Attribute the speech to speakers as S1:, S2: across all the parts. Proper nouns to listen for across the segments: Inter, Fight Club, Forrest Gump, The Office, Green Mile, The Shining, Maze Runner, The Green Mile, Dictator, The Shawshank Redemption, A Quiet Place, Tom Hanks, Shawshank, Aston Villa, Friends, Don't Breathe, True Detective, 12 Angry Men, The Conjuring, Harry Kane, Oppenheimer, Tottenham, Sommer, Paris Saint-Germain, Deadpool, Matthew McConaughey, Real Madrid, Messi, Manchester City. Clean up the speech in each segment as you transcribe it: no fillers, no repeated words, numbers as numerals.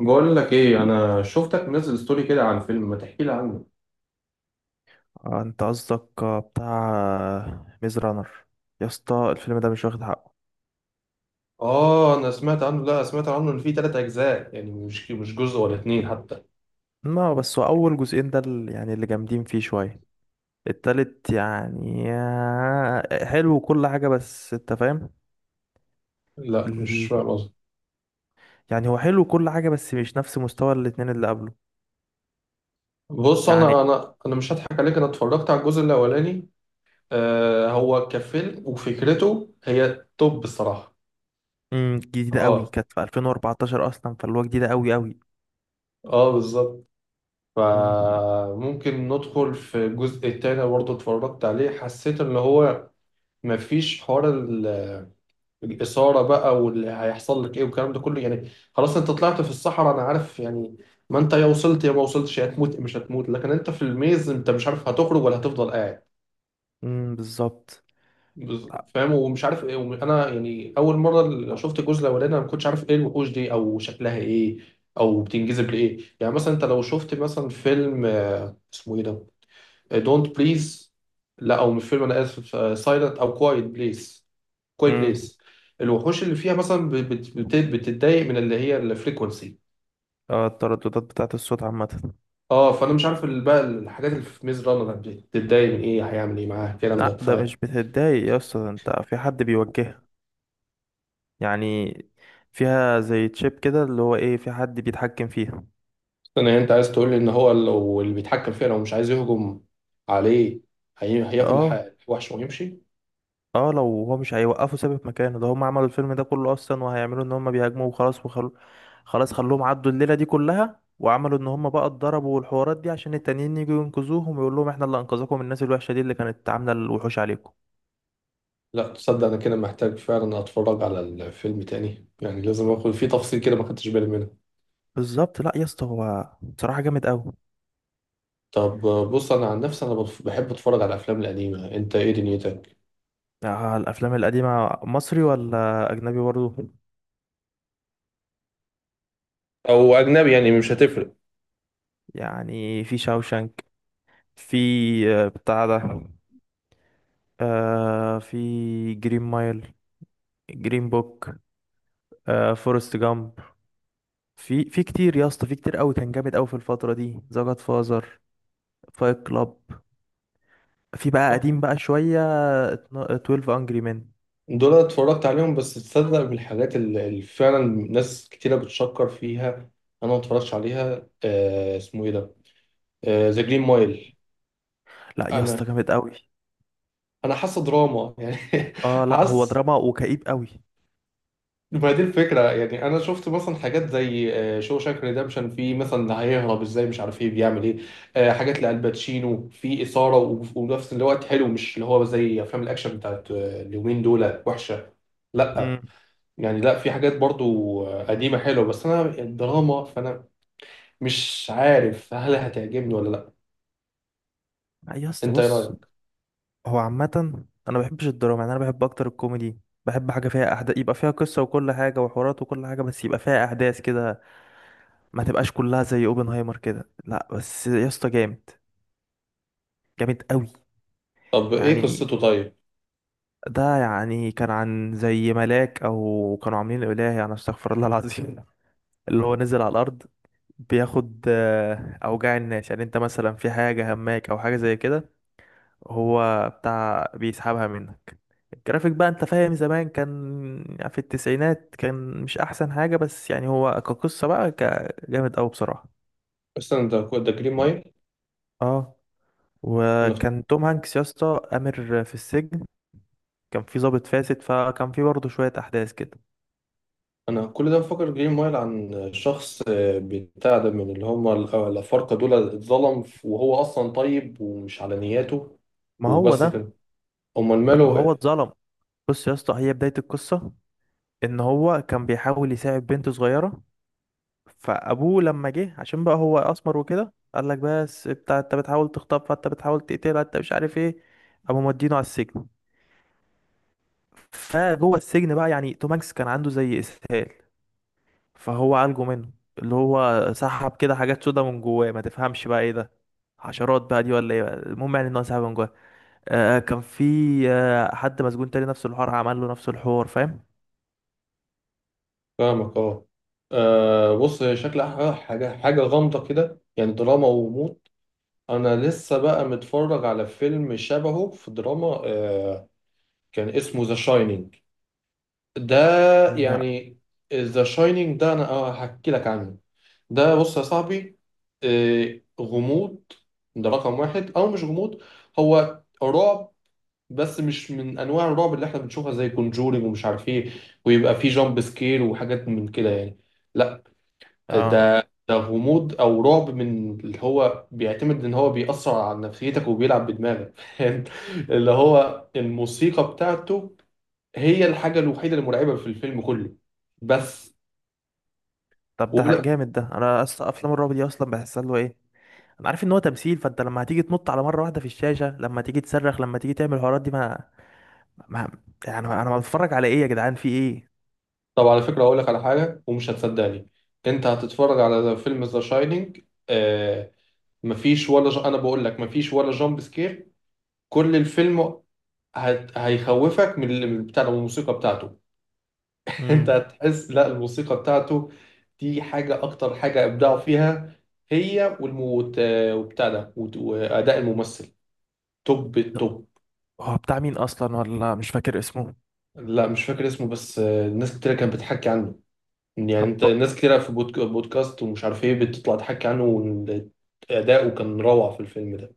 S1: بقول لك ايه، انا شفتك منزل ستوري كده عن فيلم، ما تحكي لي عنه؟
S2: انت قصدك بتاع ميز رانر. يا اسطى الفيلم ده مش واخد حقه.
S1: اه، انا سمعت عنه، لا سمعت عنه ان فيه 3 اجزاء، يعني مش جزء ولا اتنين حتى.
S2: ما هو بس هو اول جزئين ده يعني اللي جامدين فيه شويه. التالت يعني حلو وكل حاجه، بس انت فاهم
S1: لا، مش
S2: ال...
S1: فاهم قصدي.
S2: يعني هو حلو وكل حاجه، بس مش نفس مستوى الاتنين اللي قبله.
S1: بص،
S2: يعني
S1: انا مش هضحك عليك، انا اتفرجت على الجزء الاولاني. هو كفيلم وفكرته هي توب بصراحة.
S2: جديده قوي،
S1: اه،
S2: كانت في 2014 اصلا، فاللي هو جديده قوي قوي.
S1: اه، بالظبط.
S2: امم،
S1: فممكن ندخل في الجزء التاني، برضه اتفرجت عليه، حسيت ان هو مفيش حوار. الاثاره بقى واللي هيحصل لك ايه والكلام ده كله، يعني خلاص انت طلعت في الصحراء، انا عارف يعني. ما انت يا وصلت يا ما وصلتش، يا هتموت مش هتموت، لكن انت في الميز انت مش عارف هتخرج ولا هتفضل قاعد.
S2: امم، بالظبط. لا.
S1: فاهم ومش عارف ايه انا يعني اول مره اللي شفت الجزء الاولاني انا ما كنتش عارف ايه الوحوش دي او شكلها ايه، او بتنجذب لايه. يعني مثلا انت لو شفت مثلا فيلم اسمه ايه ده، دونت بليز، لا او مش فيلم، انا اسف، سايلنت او كوايت بليز، كوي
S2: امم.
S1: بليس، الوحوش اللي فيها مثلا بتتضايق من اللي هي الفريكونسي.
S2: اه، الترددات بتاعت الصوت عامه.
S1: اه، فانا مش عارف بقى الحاجات اللي في ميز رانر بتتضايق من ايه، هيعمل ايه معاها الكلام ده،
S2: لا، ده
S1: فانا
S2: مش بتتضايق يا اسطى، ده انت في حد بيوجهك، يعني فيها زي تشيب كده، اللي هو ايه، في حد بيتحكم فيها.
S1: انت عايز تقول لي ان هو لو اللي بيتحكم فيها لو مش عايز يهجم عليه هياخد
S2: اه.
S1: الوحش ويمشي؟
S2: اه، لو هو مش هيوقفه ثابت مكانه، ده هم عملوا الفيلم ده كله اصلا، وهيعملوا ان هم بيهاجموا وخلاص، وخلو خلاص خلوهم عدوا الليلة دي كلها، وعملوا ان هم بقى اتضربوا، والحوارات دي عشان التانيين يجوا ينقذوهم، ويقول لهم احنا اللي انقذكم من الناس الوحشة دي اللي كانت عاملة الوحوش عليكم.
S1: لا تصدق، انا كده محتاج فعلا اتفرج على الفيلم تاني، يعني لازم اخد فيه تفصيل كده، ما خدتش بالي منه.
S2: بالظبط. لا يا اسطى، هو بصراحة جامد قوي.
S1: طب بص انا عن نفسي انا بحب اتفرج على الافلام القديمه، انت ايه دنيتك؟
S2: آه، الافلام القديمة مصري ولا اجنبي برضه؟
S1: او اجنبي، يعني مش هتفرق.
S2: يعني في شاوشانك. في بتاع ده. في جرين مايل. جرين بوك. فورست جامب. في كتير يا اسطى، في كتير قوي، كان جامد قوي في الفترة دي. ذا جاد فازر. فايت كلاب. في بقى قديم بقى شوية. 12 انجري مان.
S1: دول أنا اتفرجت عليهم، بس تصدق من الحاجات اللي فعلا ناس كتيرة بتشكر فيها انا ما اتفرجتش عليها، اسمه ايه ده، ذا جرين مايل.
S2: لا يا اسطى
S1: انا
S2: جامد قوي.
S1: انا حاسه دراما يعني.
S2: اه، لا، هو
S1: حاسس.
S2: دراما وكئيب قوي.
S1: ما دي الفكره، يعني انا شفت مثلا حاجات زي شو شاك ريدمشن، في مثلا هيهرب ازاي مش عارف ايه بيعمل ايه، حاجات لالباتشينو، في اثاره ونفس الوقت حلو، مش اللي هو زي افلام الاكشن بتاعت اليومين دول وحشه. لا.
S2: امم.
S1: يعني لا، في حاجات برضو قديمة حلوة، بس أنا الدراما، فأنا مش عارف هل هتعجبني ولا لأ.
S2: لا يا اسطى
S1: أنت إيه
S2: بص.
S1: رأيك؟
S2: هو عامة انا ما بحبش الدراما، يعني انا بحب اكتر الكوميدي. بحب حاجة فيها أحداث، يبقى فيها قصة وكل حاجة وحوارات وكل حاجة، بس يبقى فيها أحداث كده. ما تبقاش كلها زي اوبنهايمر كده. لا بس يا اسطى، جامد جامد قوي.
S1: طب إيه
S2: يعني
S1: قصته طيب؟
S2: ده يعني كان عن زي ملاك، او كانوا عاملين اله، يعني استغفر الله العظيم. اللي هو نزل على الارض، بياخد اوجاع الناس. يعني انت مثلا في حاجه هماك او حاجه زي كده، هو بتاع بيسحبها منك. الجرافيك بقى، انت فاهم، زمان كان، يعني في التسعينات، كان مش احسن حاجه، بس يعني هو كقصه بقى، جامد قوي بصراحه.
S1: استنى، ده جرين مايل؟
S2: اه،
S1: أنا
S2: وكان توم هانكس يا اسطى امر في السجن. كان في ضابط فاسد، فكان في برضه شويه احداث كده.
S1: أنا كل ده بفكر جرين مايل عن شخص بتاع ده من اللي هم الأفارقة دول، اتظلم وهو أصلا طيب ومش على نياته.
S2: ما هو
S1: وبس
S2: ده.
S1: كده. أمال
S2: ما
S1: ماله
S2: هو
S1: إيه؟
S2: اتظلم. بص يا اسطى، هي بداية القصة ان هو كان بيحاول يساعد بنت صغيرة. فابوه لما جه، عشان بقى هو اسمر وكده، قال لك بس بتاع انت بتحاول تخطفها، انت بتحاول تقتلها، انت مش عارف ايه. قاموا مودينه على السجن. فجوه السجن بقى، يعني توماكس كان عنده زي اسهال، فهو عالجه منه. اللي هو سحب كده حاجات سودا من جواه، ما تفهمش بقى ايه ده، حشرات بقى دي ولا ايه بقى. المهم يعني ان هو سحب من جواه. كان في حد مسجون تاني نفس الحوار، عمل له نفس الحوار، فاهم.
S1: فاهمك أه. بص، شكلها حاجة حاجة غامضة كده، يعني دراما وموت. انا لسه بقى متفرج على فيلم شبهه في دراما، كان اسمه ذا شاينينج ده.
S2: لا.
S1: يعني ذا شاينينج ده انا هحكي لك عنه. ده بص يا صاحبي، غموض. ده رقم 1، او مش غموض، هو رعب. بس مش من انواع الرعب اللي احنا بنشوفها زي كونجورينج ومش عارف ايه ويبقى فيه جامب سكير وحاجات من كده يعني. لا.
S2: اه،
S1: ده غموض او رعب من اللي هو بيعتمد ان هو بيأثر على نفسيتك وبيلعب بدماغك، فاهم. اللي هو الموسيقى بتاعته هي الحاجة الوحيدة المرعبة في الفيلم كله، بس.
S2: طب ده
S1: ولا.
S2: جامد. ده انا اصلا افلام الرعب دي اصلا بحسها اللي هو ايه. انا عارف ان هو تمثيل، فانت لما هتيجي تنط على مره واحده في الشاشه، لما تيجي تصرخ، لما تيجي تعمل الحوارات دي، ما يعني انا بتفرج على ايه يا جدعان، في ايه.
S1: طب على فكرة، اقول لك على حاجة ومش هتصدقني، انت هتتفرج على فيلم ذا شاينينج، آه. انا بقول لك مفيش ولا جامب سكير. كل الفيلم، هيخوفك من بتاع الموسيقى بتاعته. انت
S2: امم.
S1: هتحس، لا الموسيقى بتاعته دي حاجة، اكتر حاجة ابدعوا فيها، هي والموت وبتاع ده واداء الممثل توب التوب.
S2: هو بتاع مين اصلا، ولا مش فاكر اسمه.
S1: لا مش فاكر اسمه، بس ناس كتير كانت بتحكي عنه، يعني انت،
S2: طب،
S1: ناس كتير في بودكاست ومش عارف ايه بتطلع تحكي عنه، وإن اداؤه كان روعة في الفيلم ده.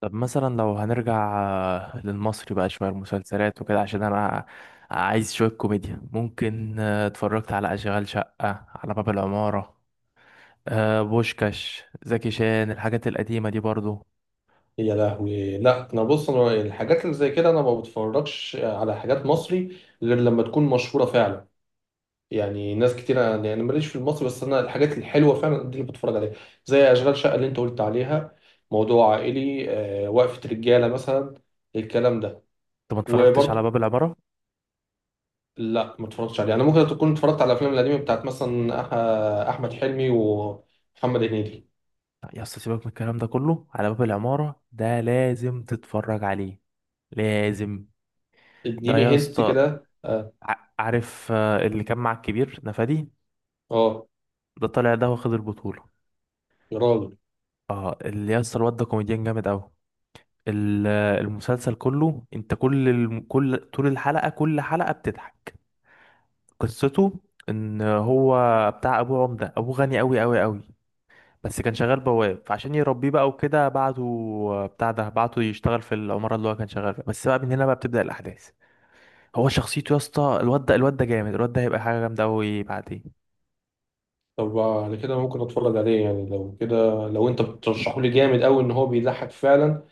S2: مثلا لو هنرجع للمصري بقى شوية المسلسلات وكده، عشان أنا عايز شوية كوميديا. ممكن، اتفرجت على أشغال شقة، على باب العمارة، بوشكاش زكي شان، الحاجات القديمة دي برضو.
S1: يا لهوي، لا انا بص، انا الحاجات اللي زي كده انا ما بتفرجش على حاجات مصري غير لما تكون مشهورة فعلا. يعني ناس كتير، يعني أنا يعني ماليش في المصري، بس انا الحاجات الحلوه فعلا دي اللي بتفرج عليها، زي اشغال شقه اللي انت قلت عليها، موضوع عائلي وقفه رجاله مثلا، الكلام ده.
S2: أنت ما اتفرجتش على
S1: وبرضه
S2: باب العمارة؟
S1: لا ما اتفرجتش عليه، انا ممكن تكون اتفرجت على الافلام القديمه بتاعت مثلا احمد حلمي ومحمد هنيدي.
S2: لا، يا اسطى، سيبك من الكلام ده كله، على باب العمارة ده لازم تتفرج عليه. لازم. ده
S1: اديني
S2: يا
S1: هنت
S2: اسطى،
S1: كده اه.
S2: عارف اللي كان مع الكبير نفادي،
S1: آه،
S2: ده طالع ده واخد البطولة.
S1: يا راجل.
S2: اه، اللي يا اسطى الواد ده كوميديان جامد أوي. ال- المسلسل كله، انت كل طول الحلقة، كل حلقة بتضحك. قصته ان هو بتاع ابو عمدة، ابو غني قوي قوي قوي، بس كان شغال بواب، فعشان يربيه بقى وكده بعته، بتاع ده بعته يشتغل في العمارة اللي هو كان شغال فيها، بس بقى من هنا بقى بتبدأ الأحداث. هو شخصيته يا اسطى الواد ده، الواد ده جامد، الواد ده هيبقى حاجة جامدة قوي بعدين.
S1: طب على كده ممكن اتفرج عليه، يعني لو كده لو انت بترشحه لي جامد قوي ان هو بيضحك فعلا،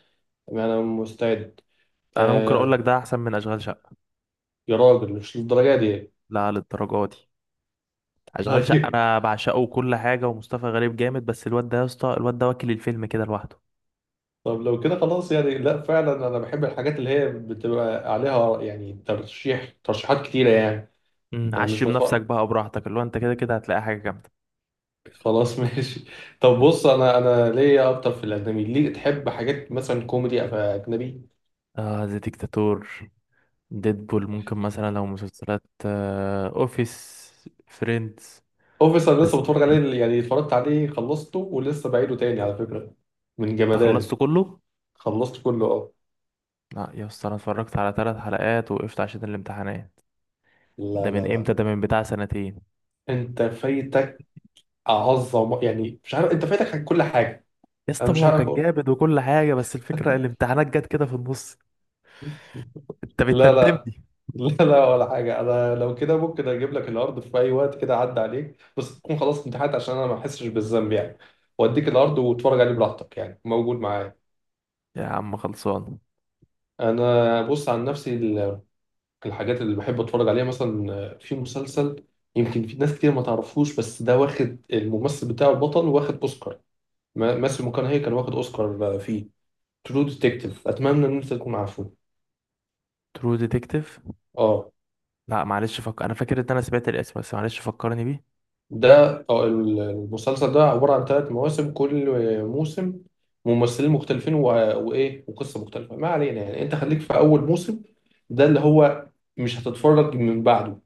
S1: يعني انا مستعد.
S2: انا ممكن اقول
S1: آه،
S2: لك ده احسن من اشغال شقة.
S1: يا راجل مش للدرجه دي.
S2: لا، للدرجة دي. اشغال شقة
S1: طيب.
S2: انا بعشقه وكل حاجة، ومصطفى غريب جامد، بس الواد ده يا اسطى، الواد ده واكل الفيلم كده لوحده.
S1: طب لو كده خلاص، يعني لا فعلا انا بحب الحاجات اللي هي بتبقى عليها، يعني ترشيحات كتيره يعني. يعني مش
S2: عشم نفسك
S1: بتفرج
S2: بقى براحتك، اللي هو انت كده كده هتلاقي حاجة جامدة.
S1: خلاص. ماشي. طب بص، انا ليا اكتر في الاجنبي، ليه تحب حاجات مثلا كوميدي أو اجنبي؟
S2: آه، زي ديكتاتور، ديدبول. ممكن مثلا لو مسلسلات، آه اوفيس، فريندز.
S1: اوفيس، انا
S2: بس
S1: لسه بتفرج عليه، يعني اتفرجت عليه خلصته ولسه بعيده تاني على فكره من
S2: انت
S1: جمدانه.
S2: خلصت كله؟
S1: خلصت كله اه.
S2: لا يا اسطى، انا اتفرجت على ثلاث حلقات، وقفت عشان الامتحانات.
S1: لا،
S2: ده
S1: لا،
S2: من
S1: لا.
S2: امتى؟ ده من بتاع سنتين.
S1: انت فايتك اعظم، يعني مش عارف، انت فايتك كل حاجه.
S2: يا
S1: انا
S2: اسطى ما
S1: مش
S2: هو
S1: عارف
S2: كان
S1: أقول.
S2: جامد وكل حاجة، بس الفكرة الامتحانات جت كده في النص. انت
S1: لا، لا،
S2: بتندمني.
S1: لا، لا ولا حاجة. أنا لو كده ممكن أجيب لك الأرض في أي وقت كده عدى عليك، بس تكون خلاص امتحنت عشان أنا ما أحسش بالذنب يعني. وأديك الأرض واتفرج عليه براحتك، يعني موجود معايا.
S2: يا عم خلصان.
S1: أنا بص، عن نفسي الحاجات اللي بحب أتفرج عليها، مثلا في مسلسل يمكن في ناس كتير ما تعرفوش، بس ده واخد، الممثل بتاعه البطل واخد أوسكار. ماسيو ماكونهي كان واخد أوسكار فيه. ترو ديتكتيف، أتمنى إن أنت تكون عارفه.
S2: ترو ديتكتيف.
S1: آه.
S2: لا معلش، انا فاكر ان انا سمعت الاسم، بس معلش فكرني بيه.
S1: ده أو المسلسل ده عبارة عن 3 مواسم، كل موسم ممثلين مختلفين وإيه وقصة مختلفة، ما علينا يعني، أنت خليك في أول موسم، ده اللي هو مش هتتفرج من بعده.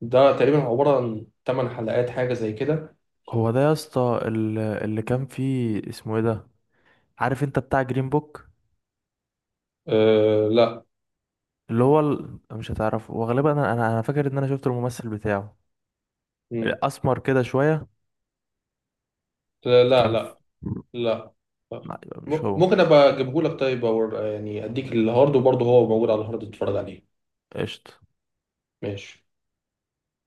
S1: ده تقريبا عبارة عن 8 حلقات، حاجة زي كده.
S2: هو ده يا اسطى، اللي كان فيه اسمه ايه ده، عارف انت، بتاع جرين بوك.
S1: أه لا.
S2: اللي هو مش هتعرفه، وغالبا انا انا أنا فاكر ان انا شفت الممثل بتاعه
S1: مم.
S2: اسمر كده شويه،
S1: لا، لا،
S2: كان في...
S1: لا. لا، لا.
S2: لا، يبقى مش هو.
S1: ممكن أبقى أجيبهولك طيب، أو يعني أديك الهارد وبرضه هو موجود على الهارد تتفرج عليه.
S2: قشطه.
S1: ماشي.